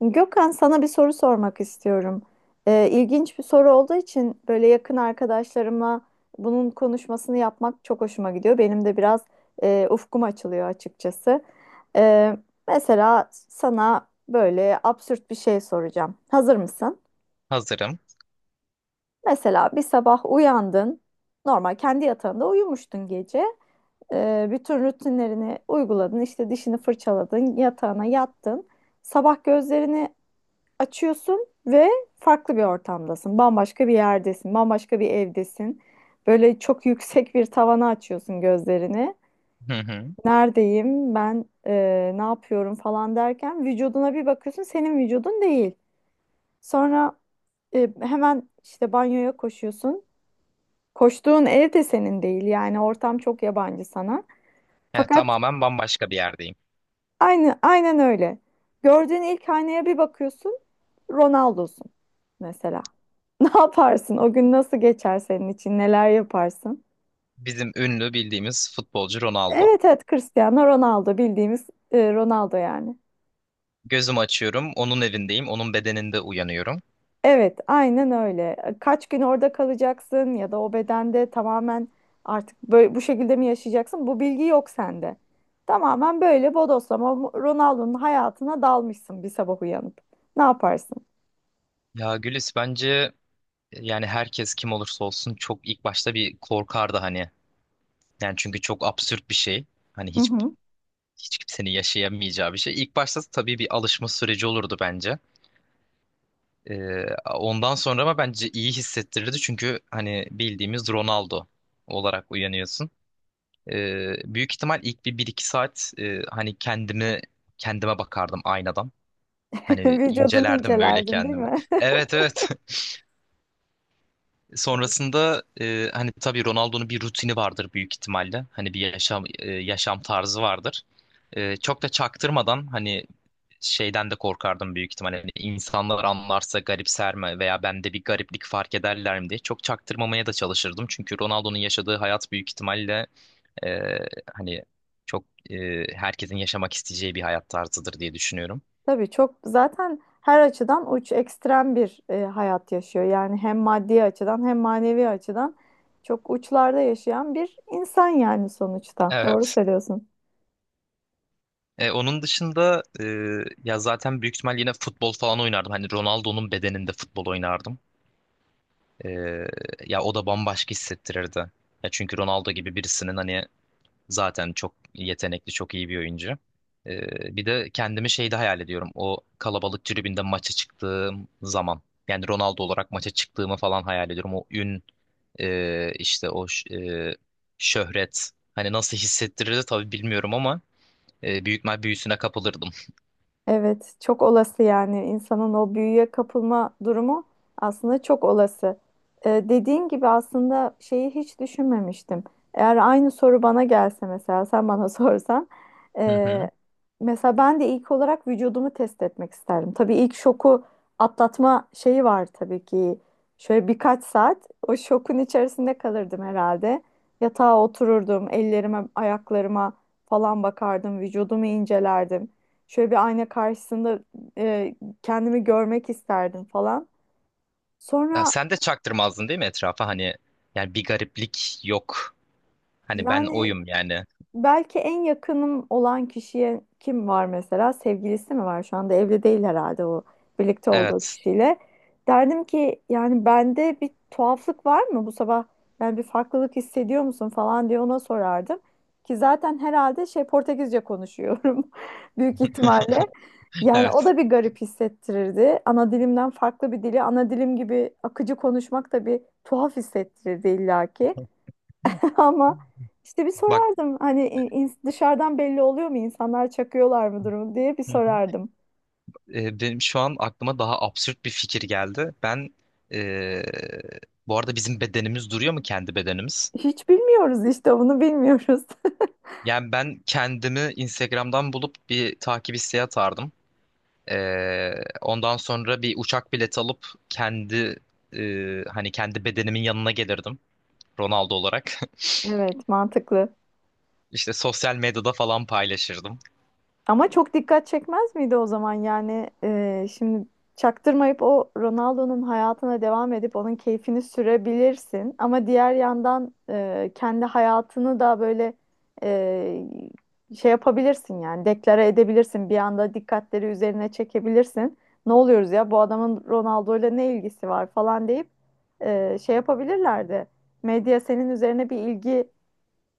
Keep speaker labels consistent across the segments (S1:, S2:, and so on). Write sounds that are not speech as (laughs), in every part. S1: Gökhan, sana bir soru sormak istiyorum. İlginç bir soru olduğu için böyle yakın arkadaşlarıma bunun konuşmasını yapmak çok hoşuma gidiyor. Benim de biraz ufkum açılıyor açıkçası. Ee, mesela sana böyle absürt bir şey soracağım. Hazır mısın?
S2: Hazırım.
S1: Mesela bir sabah uyandın, normal kendi yatağında uyumuştun gece. Bütün rutinlerini uyguladın, işte dişini fırçaladın, yatağına yattın. Sabah gözlerini açıyorsun ve farklı bir ortamdasın. Bambaşka bir yerdesin, bambaşka bir evdesin. Böyle çok (laughs) yüksek bir tavana açıyorsun gözlerini.
S2: Hı hı.
S1: Neredeyim ben, ne yapıyorum falan derken vücuduna bir bakıyorsun, senin vücudun değil. Sonra hemen işte banyoya koşuyorsun. Koştuğun ev de senin değil, yani ortam çok yabancı sana.
S2: Yani
S1: Fakat
S2: tamamen bambaşka bir yerdeyim.
S1: aynı, aynen öyle. Gördüğün ilk aynaya bir bakıyorsun, Ronaldo'sun mesela. (laughs) Ne yaparsın? O gün nasıl geçer senin için? Neler yaparsın?
S2: Bizim ünlü bildiğimiz futbolcu Ronaldo.
S1: Evet evet, Cristiano Ronaldo, bildiğimiz Ronaldo yani.
S2: Gözümü açıyorum, onun evindeyim, onun bedeninde uyanıyorum.
S1: Evet aynen öyle. E, kaç gün orada kalacaksın ya da o bedende tamamen artık böyle bu şekilde mi yaşayacaksın? Bu bilgi yok sende. Tamamen böyle bodoslama Ronaldo'nun hayatına dalmışsın bir sabah uyanıp. Ne yaparsın?
S2: Ya Gülis, bence yani herkes kim olursa olsun çok ilk başta bir korkardı hani. Yani çünkü çok absürt bir şey. Hani hiç
S1: Mhm.
S2: hiç kimsenin yaşayamayacağı bir şey. İlk başta tabii bir alışma süreci olurdu bence. Ee, Ondan sonra ama bence iyi hissettirirdi, çünkü hani bildiğimiz Ronaldo olarak uyanıyorsun. Büyük ihtimal ilk bir iki saat hani kendimi kendime bakardım aynadan.
S1: (laughs)
S2: Hani
S1: Vücudunu
S2: incelerdim böyle
S1: incelerdin değil
S2: kendimi.
S1: mi?
S2: Evet, evet. (laughs) Sonrasında hani tabii Ronaldo'nun bir rutini vardır büyük ihtimalle. Hani bir yaşam yaşam tarzı vardır. E, çok da çaktırmadan hani şeyden de korkardım büyük ihtimalle. Hani insanlar anlarsa garipser mi veya bende bir gariplik fark ederler mi diye çok çaktırmamaya da çalışırdım. Çünkü Ronaldo'nun yaşadığı hayat büyük ihtimalle ee, hani çok e, herkesin yaşamak isteyeceği bir hayat tarzıdır diye düşünüyorum.
S1: (laughs) Tabii çok zaten her açıdan uç, ekstrem bir hayat yaşıyor. Yani hem maddi açıdan hem manevi açıdan çok uçlarda yaşayan bir insan yani sonuçta. Doğru
S2: Evet.
S1: söylüyorsun.
S2: E, onun dışında ya zaten büyük ihtimal yine futbol falan oynardım. Hani Ronaldo'nun bedeninde futbol oynardım. E, Ya o da bambaşka hissettirirdi. Ya çünkü Ronaldo gibi birisinin hani zaten çok yetenekli, çok iyi bir oyuncu. Bir de kendimi şeyde hayal ediyorum. O kalabalık tribünde maça çıktığım zaman. Yani Ronaldo olarak maça çıktığımı falan hayal ediyorum. O ün, işte şöhret. Hani nasıl hissettirirdi tabii bilmiyorum ama büyük mal büyüsüne kapılırdım.
S1: Evet, çok olası yani insanın o büyüye kapılma durumu aslında çok olası. Dediğin gibi aslında şeyi hiç düşünmemiştim. Eğer aynı soru bana gelse mesela sen bana (laughs) sorsan,
S2: Hı hı.
S1: e, mesela ben de ilk olarak vücudumu test etmek isterdim. Tabii ilk şoku atlatma şeyi var tabii ki. Şöyle birkaç saat o şokun içerisinde kalırdım herhalde. Yatağa otururdum, ellerime, ayaklarıma falan bakardım, vücudumu incelerdim. Şöyle bir ayna karşısında e, kendimi görmek isterdim falan.
S2: Ya
S1: Sonra
S2: sen de çaktırmazdın değil mi etrafa? Hani yani bir gariplik yok. Hani ben
S1: yani
S2: oyum yani.
S1: belki en yakınım olan kişiye, kim var mesela? Sevgilisi mi var? Şu anda evli değil herhalde o birlikte olduğu
S2: Evet.
S1: kişiyle. Derdim ki yani bende bir tuhaflık var mı bu sabah? Yani bir farklılık hissediyor musun falan diye ona sorardım. Ki zaten herhalde şey, Portekizce konuşuyorum (laughs) büyük ihtimalle.
S2: (laughs)
S1: Yani o
S2: Evet.
S1: da bir garip hissettirirdi. Ana dilimden farklı bir dili, ana dilim gibi akıcı konuşmak da bir tuhaf hissettirirdi illaki. (laughs) Ama işte bir
S2: Bak.
S1: sorardım hani dışarıdan belli oluyor mu, insanlar çakıyorlar mı durumu diye bir sorardım.
S2: E, benim şu an aklıma daha absürt bir fikir geldi. Ben, e, bu arada bizim bedenimiz duruyor mu, kendi bedenimiz?
S1: Hiç bilmiyoruz, işte bunu bilmiyoruz. (laughs)
S2: Yani ben kendimi Instagram'dan bulup bir takip isteği atardım. E, Ondan sonra bir uçak bileti alıp kendi, hani kendi bedenimin yanına gelirdim Ronaldo olarak.
S1: Evet, mantıklı.
S2: (laughs) İşte sosyal medyada falan paylaşırdım.
S1: Ama çok dikkat çekmez miydi o zaman yani, şimdi çaktırmayıp o Ronaldo'nun hayatına devam edip onun keyfini sürebilirsin ama diğer yandan kendi hayatını da böyle e, şey yapabilirsin yani deklare edebilirsin, bir anda dikkatleri üzerine çekebilirsin. Ne oluyoruz ya, bu adamın Ronaldo'yla ne ilgisi var falan deyip şey yapabilirlerdi. Medya senin üzerine bir ilgi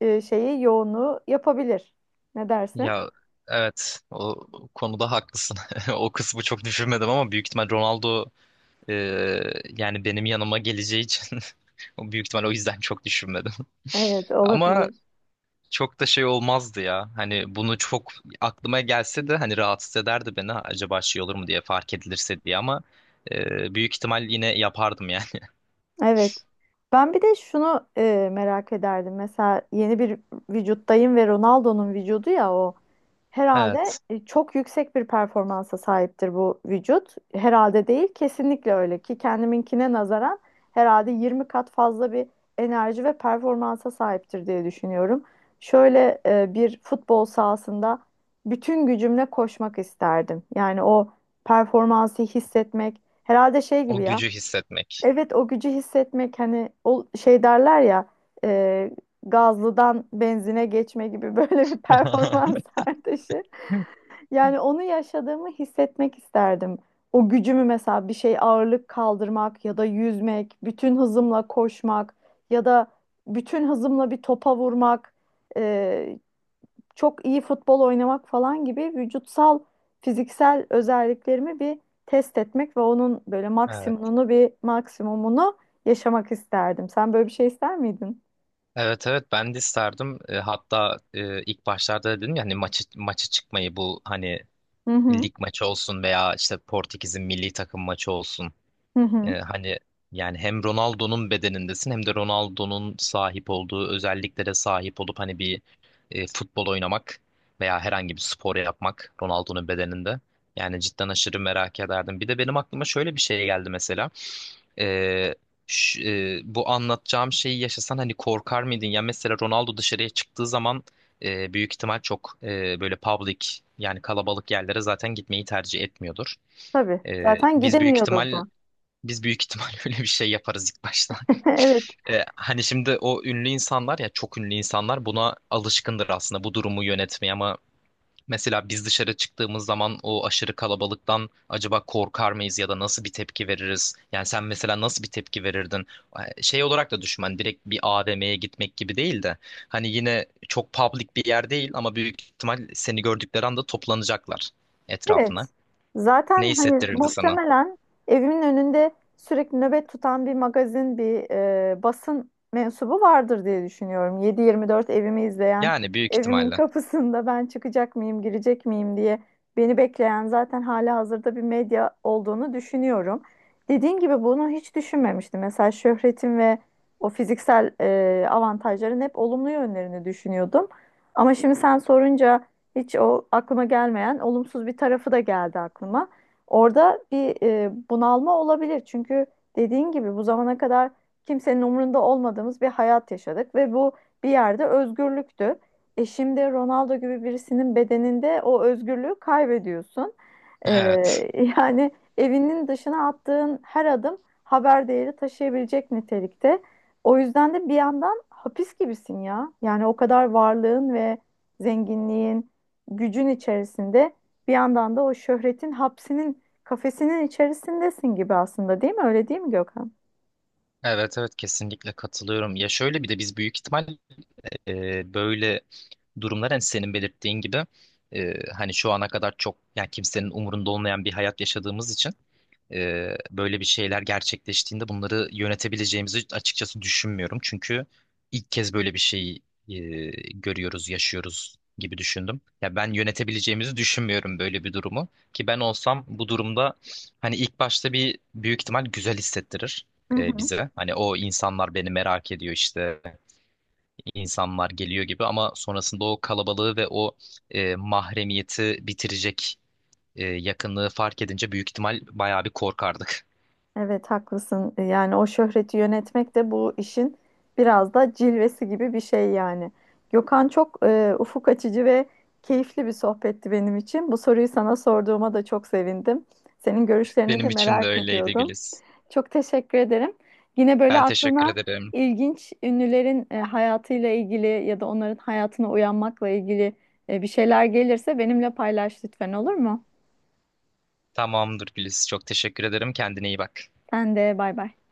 S1: şeyi, yoğunluğu yapabilir. Ne dersin?
S2: Ya, evet, o konuda haklısın. (laughs) O kısmı çok düşünmedim ama büyük ihtimal Ronaldo, Ee, yani benim yanıma geleceği için (laughs) o büyük ihtimal o yüzden çok düşünmedim.
S1: Evet,
S2: (laughs) Ama
S1: olabilir.
S2: çok da şey olmazdı ya. Hani bunu çok aklıma gelse de hani rahatsız ederdi beni, acaba şey olur mu diye, fark edilirse diye, ama büyük ihtimal yine yapardım yani. (laughs)
S1: Evet. Ben bir de şunu merak ederdim. Mesela yeni bir vücuttayım ve Ronaldo'nun vücudu ya o. Herhalde
S2: Evet.
S1: çok yüksek bir performansa sahiptir bu vücut. Herhalde değil, kesinlikle öyle ki kendiminkine nazaran herhalde 20 kat fazla bir enerji ve performansa sahiptir diye düşünüyorum. Şöyle bir futbol sahasında bütün gücümle koşmak isterdim. Yani o performansı hissetmek herhalde şey gibi
S2: O
S1: ya.
S2: gücü hissetmek.
S1: Evet, o gücü hissetmek, hani o şey derler ya, e, gazlıdan benzine geçme gibi (laughs) böyle bir performans
S2: (laughs)
S1: artışı. Yani onu yaşadığımı hissetmek isterdim. O gücümü mesela bir şey, ağırlık kaldırmak ya da yüzmek, bütün hızımla koşmak ya da bütün hızımla bir topa vurmak. e, Çok iyi futbol oynamak falan gibi vücutsal, fiziksel özelliklerimi bir test etmek ve onun böyle
S2: Evet.
S1: maksimumunu, bir maksimumunu yaşamak isterdim. Sen böyle bir şey ister miydin?
S2: Evet, evet, ben de isterdim. E, hatta ilk başlarda dedim ya hani maça çıkmayı, bu hani
S1: Hı hı.
S2: lig maçı olsun veya işte Portekiz'in milli takım maçı olsun.
S1: Hı hı.
S2: Hani yani hem Ronaldo'nun bedenindesin hem de Ronaldo'nun sahip olduğu özelliklere sahip olup hani bir, futbol oynamak veya herhangi bir spor yapmak Ronaldo'nun bedeninde. Yani cidden aşırı merak ederdim. Bir de benim aklıma şöyle bir şey geldi mesela. Ee, ş- Bu anlatacağım şeyi yaşasan hani korkar mıydın? Ya mesela Ronaldo dışarıya çıktığı zaman büyük ihtimal çok böyle public, yani kalabalık yerlere zaten gitmeyi tercih etmiyordur.
S1: Tabii.
S2: Ee,
S1: Zaten
S2: biz büyük
S1: gidemiyordur
S2: ihtimal
S1: da.
S2: biz büyük ihtimal (laughs) öyle bir şey yaparız ilk başta. (laughs)
S1: (laughs) Evet.
S2: E, hani şimdi o ünlü insanlar, ya çok ünlü insanlar, buna alışkındır aslında, bu durumu yönetmeye, ama mesela biz dışarı çıktığımız zaman o aşırı kalabalıktan acaba korkar mıyız ya da nasıl bir tepki veririz? Yani sen mesela nasıl bir tepki verirdin? E, şey olarak da düşün, hani direkt bir AVM'ye gitmek gibi değil de hani yine çok public bir yer değil ama büyük ihtimal seni gördükleri anda toplanacaklar etrafına.
S1: Evet.
S2: Ne
S1: Zaten hani
S2: hissettirirdi sana?
S1: muhtemelen evimin önünde sürekli nöbet tutan bir magazin, bir basın mensubu vardır diye düşünüyorum. 7/24 evimi izleyen,
S2: Yani büyük
S1: evimin
S2: ihtimalle.
S1: kapısında ben çıkacak mıyım, girecek miyim diye beni bekleyen zaten hala hazırda bir medya olduğunu düşünüyorum. Dediğin gibi bunu hiç düşünmemiştim. Mesela şöhretim ve o fiziksel avantajların hep olumlu yönlerini düşünüyordum. Ama şimdi sen sorunca hiç o aklıma gelmeyen olumsuz bir tarafı da geldi aklıma. Orada bir bunalma olabilir. Çünkü dediğin gibi bu zamana kadar kimsenin umurunda olmadığımız bir hayat yaşadık ve bu bir yerde özgürlüktü. E şimdi Ronaldo gibi birisinin bedeninde o özgürlüğü kaybediyorsun. E,
S2: Evet.
S1: (laughs) yani evinin dışına attığın her adım haber değeri taşıyabilecek nitelikte. O yüzden de bir yandan hapis gibisin ya. Yani o kadar varlığın ve zenginliğin, gücün içerisinde bir yandan da o şöhretin hapsinin, kafesinin içerisindesin gibi aslında, değil mi? Öyle değil mi Gökhan?
S2: Evet, evet, kesinlikle katılıyorum. Ya şöyle bir de biz büyük ihtimal böyle durumlar, hani senin belirttiğin gibi hani şu ana kadar çok, yani kimsenin umurunda olmayan bir hayat yaşadığımız için böyle bir şeyler gerçekleştiğinde bunları yönetebileceğimizi açıkçası düşünmüyorum. Çünkü ilk kez böyle bir şey e, görüyoruz, yaşıyoruz gibi düşündüm. Ya ben yönetebileceğimizi düşünmüyorum böyle bir durumu. Ki ben olsam bu durumda hani ilk başta bir büyük ihtimal güzel hissettirir
S1: Hı hı.
S2: bize. Hani o insanlar beni merak ediyor, işte insanlar geliyor gibi, ama sonrasında o kalabalığı ve o, mahremiyeti bitirecek yakınlığı fark edince büyük ihtimal bayağı bir korkardım.
S1: Evet, haklısın. Yani o şöhreti yönetmek de bu işin biraz da cilvesi gibi bir şey yani. Gökhan, çok ufuk açıcı ve keyifli bir sohbetti benim için. Bu soruyu sana sorduğuma da çok sevindim. Senin görüşlerini de
S2: Benim için de
S1: merak
S2: öyleydi
S1: ediyordum.
S2: Güliz.
S1: Çok teşekkür ederim. Yine böyle
S2: Ben teşekkür
S1: aklına
S2: ederim.
S1: ilginç ünlülerin hayatıyla ilgili ya da onların hayatına uyanmakla ilgili bir şeyler gelirse benimle paylaş lütfen, olur mu?
S2: Tamamdır Güliz. Çok teşekkür ederim. Kendine iyi bak.
S1: Sen de, bay bay.